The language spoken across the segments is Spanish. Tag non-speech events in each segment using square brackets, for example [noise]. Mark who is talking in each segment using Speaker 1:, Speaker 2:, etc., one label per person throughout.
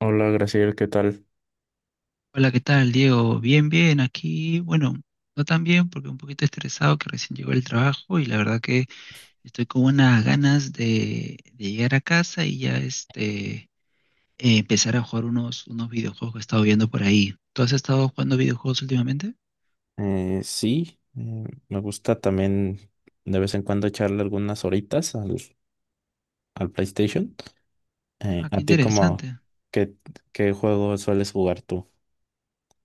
Speaker 1: Hola, Graciel, ¿qué tal?
Speaker 2: Hola, ¿qué tal, Diego? Bien, bien, aquí, bueno, no tan bien porque un poquito estresado que recién llegó el trabajo, y la verdad que estoy con unas ganas de llegar a casa y ya este, empezar a jugar unos videojuegos que he estado viendo por ahí. ¿Tú has estado jugando videojuegos últimamente?
Speaker 1: Sí, me gusta también de vez en cuando echarle algunas horitas al PlayStation.
Speaker 2: Ah,
Speaker 1: ¿A
Speaker 2: qué
Speaker 1: ti como
Speaker 2: interesante.
Speaker 1: qué, qué juego sueles jugar tú?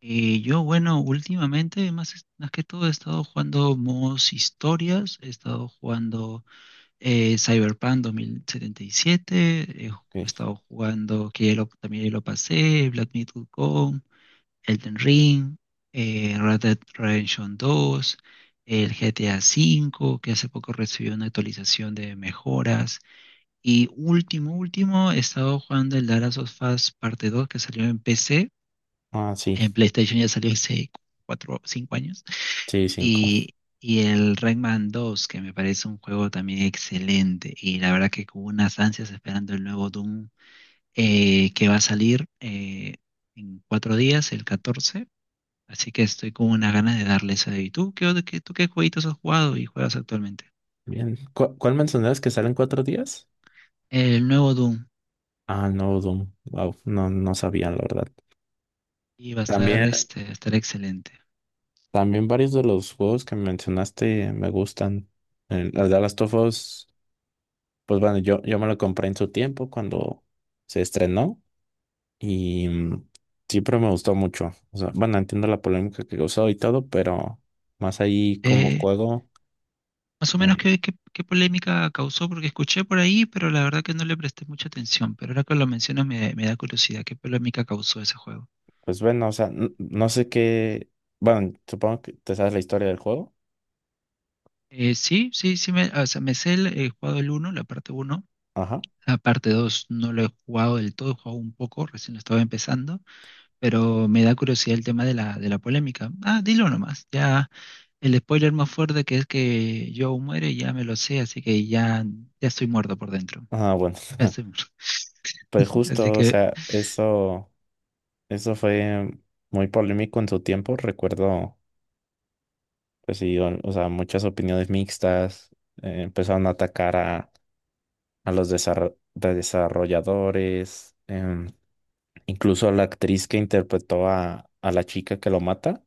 Speaker 2: Yo, bueno, últimamente, más, más que todo, he estado jugando modos historias, he estado jugando Cyberpunk 2077, he ju-
Speaker 1: Ok.
Speaker 2: he estado jugando, que ya lo- también ya lo pasé, Black Myth: Wukong, Elden Ring, Red Dead Redemption 2, el GTA V, que hace poco recibió una actualización de mejoras. Y último, último, he estado jugando el The Last of Us parte 2, que salió en PC.
Speaker 1: Ah,
Speaker 2: En
Speaker 1: sí,
Speaker 2: PlayStation ya salió hace 4 o 5 años.
Speaker 1: sí, cinco.
Speaker 2: Y el Rayman 2, que me parece un juego también excelente. Y la verdad que con unas ansias esperando el nuevo Doom que va a salir en 4 días, el 14. Así que estoy con unas ganas de darle eso. ¿Y tú qué, tú qué jueguitos has jugado y juegas actualmente?
Speaker 1: Bien. ¿Cuál mencionabas que salen 4 días?
Speaker 2: El nuevo Doom.
Speaker 1: Ah, no, Doom. Wow, no, no sabía, la verdad.
Speaker 2: Y va a estar,
Speaker 1: También,
Speaker 2: este, va a estar excelente.
Speaker 1: también varios de los juegos que mencionaste me gustan. Las de Last of Us, pues bueno, yo me lo compré en su tiempo cuando se estrenó. Y siempre me gustó mucho. O sea, bueno, entiendo la polémica que causó y todo, pero más ahí como
Speaker 2: Eh,
Speaker 1: juego,
Speaker 2: Más o menos
Speaker 1: eh,
Speaker 2: qué, polémica causó, porque escuché por ahí, pero la verdad que no le presté mucha atención. Pero ahora que lo mencionas, me da curiosidad, ¿qué polémica causó ese juego?
Speaker 1: pues bueno, o sea, no sé qué. Bueno, supongo que te sabes la historia del juego.
Speaker 2: Sí, sí, sí, me, o sea, me sé el, he jugado el uno, la parte uno.
Speaker 1: Ajá.
Speaker 2: La parte 2 no lo he jugado del todo, he jugado un poco, recién lo estaba empezando, pero me da curiosidad el tema de la polémica. Ah, dilo nomás. Ya el spoiler más fuerte, que es que Joe muere, ya me lo sé, así que ya, ya estoy muerto por dentro.
Speaker 1: Ah, bueno.
Speaker 2: Ya
Speaker 1: [laughs]
Speaker 2: estoy muerto.
Speaker 1: Pues
Speaker 2: [laughs] Así
Speaker 1: justo, o
Speaker 2: que
Speaker 1: sea, eso fue muy polémico en su tiempo. Recuerdo, pues sí, o sea, muchas opiniones mixtas. Empezaron a atacar a los desarro- de desarrolladores. Incluso la actriz que interpretó a la chica que lo mata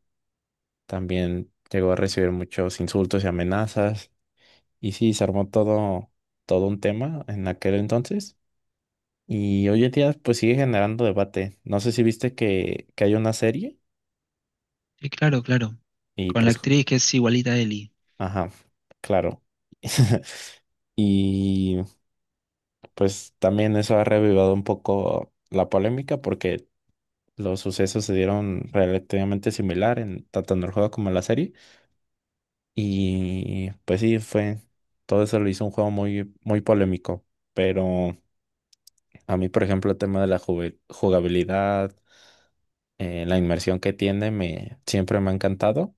Speaker 1: también llegó a recibir muchos insultos y amenazas. Y sí, se armó todo un tema en aquel entonces. Y hoy en día pues sigue generando debate. No sé si viste que hay una serie
Speaker 2: sí, claro, claro.
Speaker 1: y
Speaker 2: Con la
Speaker 1: pues,
Speaker 2: actriz que es igualita a Ellie.
Speaker 1: ajá, claro. [laughs] Y pues también eso ha revivado un poco la polémica porque los sucesos se dieron relativamente similar en tanto en el juego como en la serie. Y pues sí, todo eso lo hizo un juego muy, muy polémico, pero a mí, por ejemplo, el tema de la jugabilidad, la inmersión que tiene, siempre me ha encantado.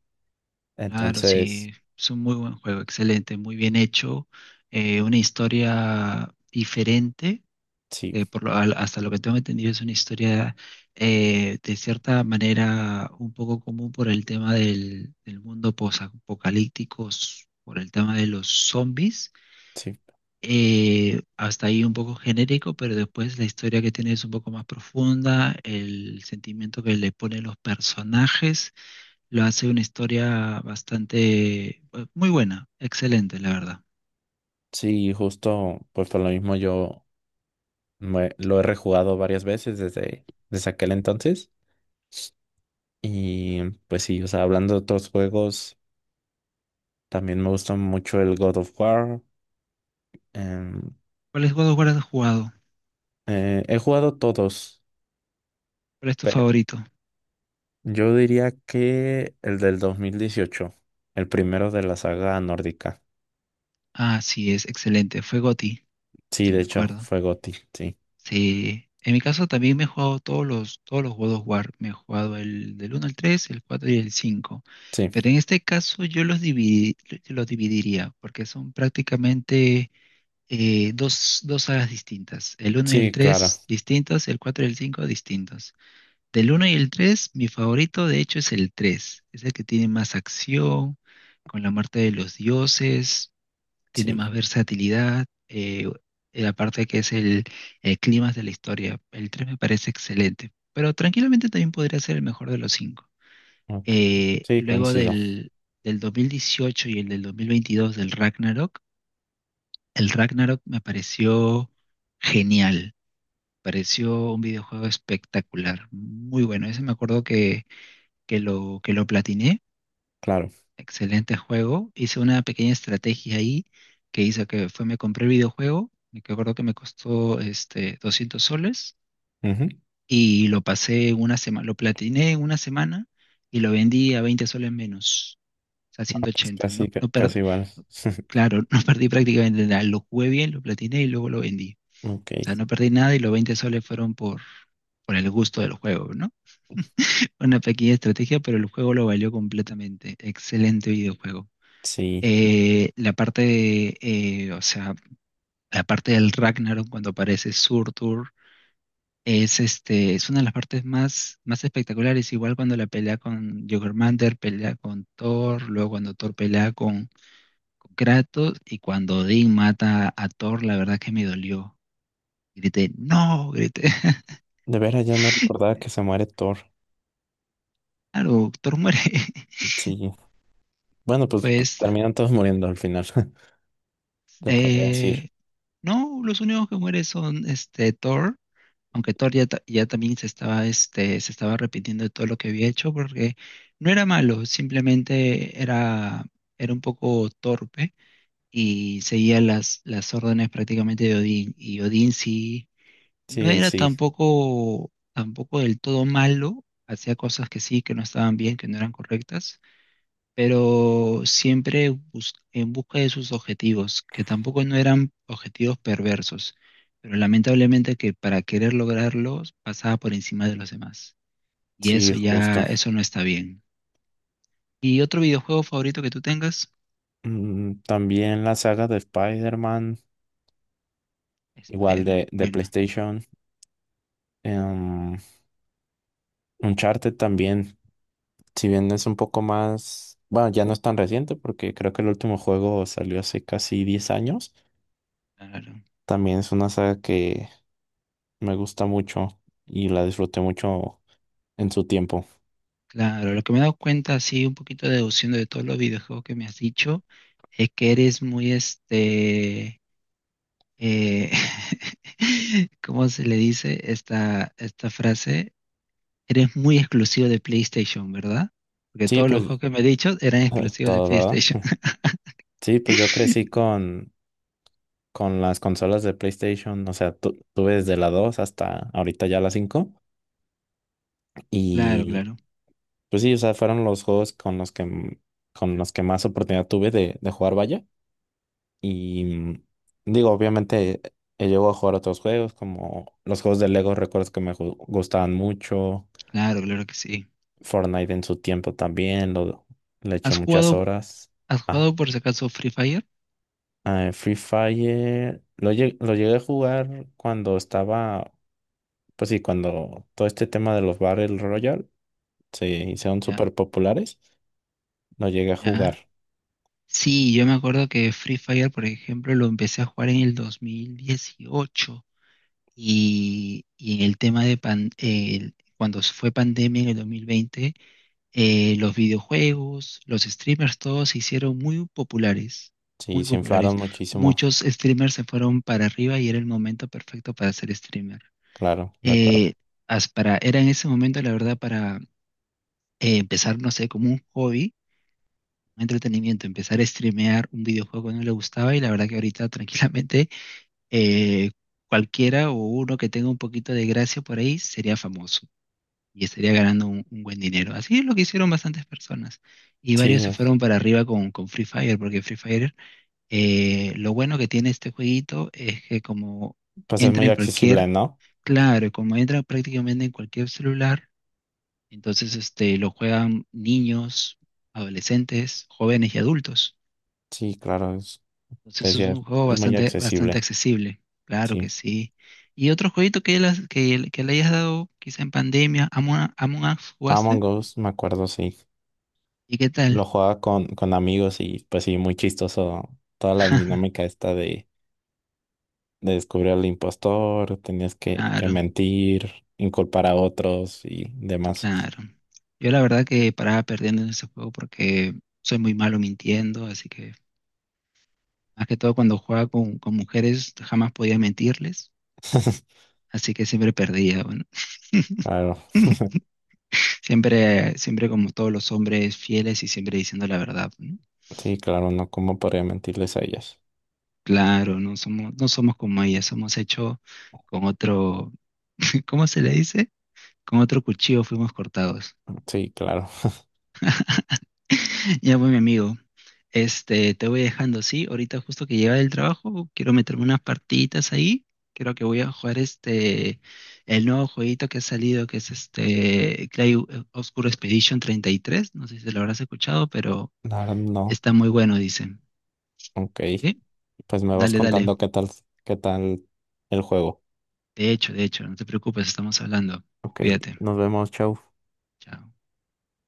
Speaker 2: Claro,
Speaker 1: Entonces,
Speaker 2: sí, es un muy buen juego, excelente, muy bien hecho, una historia diferente
Speaker 1: sí,
Speaker 2: que, hasta lo que tengo entendido, es una historia de cierta manera un poco común por el tema del mundo posapocalíptico, por el tema de los zombies.
Speaker 1: sí,
Speaker 2: Hasta ahí un poco genérico, pero después la historia que tiene es un poco más profunda, el sentimiento que le ponen los personajes lo hace una historia bastante muy buena, excelente, la verdad.
Speaker 1: sí, justo, pues por lo mismo yo lo he rejugado varias veces desde, desde aquel entonces. Y pues sí, o sea, hablando de otros juegos, también me gusta mucho el God of War. em,
Speaker 2: ¿Cuál es God of War has jugado?
Speaker 1: he jugado todos.
Speaker 2: ¿Cuál es tu favorito?
Speaker 1: Yo diría que el del 2018, el primero de la saga nórdica.
Speaker 2: Ah, sí, es excelente. Fue GOTY.
Speaker 1: Sí,
Speaker 2: Sí,
Speaker 1: de
Speaker 2: me
Speaker 1: hecho,
Speaker 2: acuerdo.
Speaker 1: fue Gotti, sí.
Speaker 2: Sí, en mi caso también me he jugado todos los todos los God of War. Me he jugado el del uno al 3, el 4 y el 5.
Speaker 1: Sí,
Speaker 2: Pero en este caso yo yo los dividiría porque son prácticamente dos sagas distintas. El uno y el
Speaker 1: sí, claro,
Speaker 2: 3 distintos, el 4 y el 5 distintos. Del uno y el 3 mi favorito de hecho es el 3. Es el que tiene más acción, con la muerte de los dioses tiene
Speaker 1: sí.
Speaker 2: más versatilidad, aparte que es el clima de la historia. El 3 me parece excelente, pero tranquilamente también podría ser el mejor de los cinco.
Speaker 1: Ok, sí,
Speaker 2: Luego
Speaker 1: coincido,
Speaker 2: del 2018 y el del 2022, del Ragnarok, el Ragnarok me pareció genial, pareció un videojuego espectacular, muy bueno. Ese me acuerdo que lo platiné.
Speaker 1: claro.
Speaker 2: Excelente juego. Hice una pequeña estrategia ahí, que hice que fue me compré el videojuego, me acuerdo que me costó este 200 soles
Speaker 1: Ujú.
Speaker 2: y lo pasé en una semana, lo platiné en una semana y lo vendí a 20 soles menos, o sea,
Speaker 1: Pues
Speaker 2: 180. No,
Speaker 1: casi,
Speaker 2: no,
Speaker 1: casi igual. [laughs]
Speaker 2: claro, [laughs] no perdí prácticamente nada. Lo jugué bien, lo platiné y luego lo vendí.
Speaker 1: Ok,
Speaker 2: O sea, no perdí nada, y los 20 soles fueron por el gusto del juego, ¿no? [laughs] Una pequeña estrategia, pero el juego lo valió completamente. Excelente videojuego.
Speaker 1: sí.
Speaker 2: La parte de, o sea, la parte del Ragnarok cuando aparece Surtur es, este, es una de las partes más, más espectaculares. Igual cuando la pelea con Jörmungandr, pelea con Thor, luego cuando Thor pelea con, Kratos y cuando Odín mata a Thor, la verdad que me dolió. Grité, no, grité. [laughs]
Speaker 1: De veras ya no recordaba que se muere Thor.
Speaker 2: Claro, Thor muere. [laughs]
Speaker 1: Sí. Bueno, pues
Speaker 2: Pues
Speaker 1: terminan todos muriendo al final, [laughs] te podría decir.
Speaker 2: eh, no, los únicos que mueren son, este, Thor, aunque Thor ya, ya también se estaba, este, se estaba arrepintiendo de todo lo que había hecho, porque no era malo, simplemente era, un poco torpe y seguía las órdenes prácticamente de Odín. Y Odín sí
Speaker 1: Sí,
Speaker 2: no
Speaker 1: él
Speaker 2: era
Speaker 1: sí,
Speaker 2: tampoco, tampoco del todo malo, hacía cosas que sí, que no estaban bien, que no eran correctas, pero siempre en busca de sus objetivos, que tampoco no eran objetivos perversos, pero lamentablemente que para querer lograrlos pasaba por encima de los demás. Y
Speaker 1: sí,
Speaker 2: eso ya,
Speaker 1: justo.
Speaker 2: eso no está bien. ¿Y otro videojuego favorito que tú tengas?
Speaker 1: Mm, también la saga de Spider-Man, igual de,
Speaker 2: Spider-Man.
Speaker 1: de
Speaker 2: Bueno,
Speaker 1: PlayStation. em, Uncharted también, si bien es un poco más, bueno, ya no es tan reciente porque creo que el último juego salió hace casi 10 años,
Speaker 2: claro.
Speaker 1: también es una saga que me gusta mucho y la disfruté mucho en su tiempo.
Speaker 2: Claro, lo que me he dado cuenta, así un poquito deduciendo de todos los videojuegos que me has dicho, es que eres muy este, eh, [laughs] ¿cómo se le dice esta frase? Eres muy exclusivo de PlayStation, ¿verdad? Porque
Speaker 1: Sí,
Speaker 2: todos los
Speaker 1: pues
Speaker 2: juegos que me he dicho eran
Speaker 1: [laughs]
Speaker 2: exclusivos de
Speaker 1: todo, ¿verdad?
Speaker 2: PlayStation.
Speaker 1: [laughs] Sí, pues yo crecí
Speaker 2: [laughs]
Speaker 1: con, las consolas de PlayStation, o sea, tuve desde la 2 hasta ahorita ya la 5
Speaker 2: Claro,
Speaker 1: y
Speaker 2: claro,
Speaker 1: pues sí, o sea, fueron los juegos con los que más oportunidad tuve de jugar, vaya. Y digo, obviamente he llegado a jugar otros juegos como los juegos de Lego, recuerdo que me gustaban mucho.
Speaker 2: claro, claro que sí.
Speaker 1: Fortnite en su tiempo también, le eché
Speaker 2: ¿Has
Speaker 1: muchas
Speaker 2: jugado,
Speaker 1: horas. Ah,
Speaker 2: por si acaso, Free Fire?
Speaker 1: ah, Free Fire, lo llegué a jugar cuando estaba, pues sí, cuando todo este tema de los Battle Royale se hicieron
Speaker 2: Ya,
Speaker 1: súper populares, lo llegué a
Speaker 2: ya.
Speaker 1: jugar.
Speaker 2: Sí, yo me acuerdo que Free Fire, por ejemplo, lo empecé a jugar en el 2018, y en el tema cuando fue pandemia en el 2020. Los videojuegos, los streamers, todos se hicieron muy populares,
Speaker 1: Sí,
Speaker 2: muy
Speaker 1: se
Speaker 2: populares.
Speaker 1: inflaron muchísimo,
Speaker 2: Muchos streamers se fueron para arriba y era el momento perfecto para ser streamer.
Speaker 1: claro,
Speaker 2: Eh,
Speaker 1: recuerdo.
Speaker 2: era en ese momento, la verdad, para empezar, no sé, como un hobby, un entretenimiento, empezar a streamear un videojuego que no le gustaba, y la verdad que ahorita [laughs] tranquilamente eh, cualquiera o uno que tenga un poquito de gracia por ahí sería famoso y estaría ganando un buen dinero. Así es lo que hicieron bastantes personas. Y
Speaker 1: Sí,
Speaker 2: varios se fueron para arriba con, Free Fire, porque Free Fire, lo bueno que tiene este jueguito es que como
Speaker 1: pues es
Speaker 2: entra
Speaker 1: muy
Speaker 2: en cualquier,
Speaker 1: accesible, ¿no?
Speaker 2: claro, como entra prácticamente en cualquier celular, entonces este, lo juegan niños, adolescentes, jóvenes y adultos.
Speaker 1: Sí, claro.
Speaker 2: Entonces
Speaker 1: Pues
Speaker 2: es
Speaker 1: ya
Speaker 2: un juego
Speaker 1: es muy
Speaker 2: bastante, bastante
Speaker 1: accesible,
Speaker 2: accesible, claro
Speaker 1: sí.
Speaker 2: que sí. ¿Y otro jueguito que, las has- que le hayas dado quizá en pandemia, Among Us, jugaste?
Speaker 1: Among Us, me acuerdo, sí.
Speaker 2: ¿Y qué tal?
Speaker 1: Lo jugaba con, amigos y pues sí, muy chistoso toda la dinámica
Speaker 2: [laughs]
Speaker 1: esta de descubrir al impostor, tenías que
Speaker 2: Claro,
Speaker 1: mentir, inculpar a otros y demás.
Speaker 2: claro. Yo la verdad que paraba perdiendo en ese juego porque soy muy malo mintiendo, así que más que todo cuando jugaba con, mujeres jamás podía mentirles,
Speaker 1: [laughs]
Speaker 2: así que siempre perdía, bueno.
Speaker 1: Claro,
Speaker 2: [laughs] Siempre, siempre como todos los hombres fieles y siempre diciendo la verdad, ¿no?
Speaker 1: sí, claro, no, ¿cómo podría mentirles a ellos?
Speaker 2: Claro, no somos como ellas, somos hechos con otro, [laughs] ¿cómo se le dice? Con otro cuchillo fuimos cortados.
Speaker 1: Sí, claro.
Speaker 2: [laughs] Ya, pues, mi amigo. Este, te voy dejando, sí. Ahorita justo que llega del trabajo, quiero meterme unas partiditas ahí. Creo que voy a jugar este, el nuevo jueguito que ha salido, que es este Clay Obscure Expedition 33. No sé si lo habrás escuchado, pero
Speaker 1: [laughs] La verdad, no.
Speaker 2: está muy bueno, dicen.
Speaker 1: Ok.
Speaker 2: ¿Sí?
Speaker 1: Pues me vas
Speaker 2: Dale, dale.
Speaker 1: contando qué tal, el juego.
Speaker 2: De hecho, no te preocupes, estamos hablando.
Speaker 1: Ok,
Speaker 2: Cuídate.
Speaker 1: nos vemos, chau.
Speaker 2: Chao.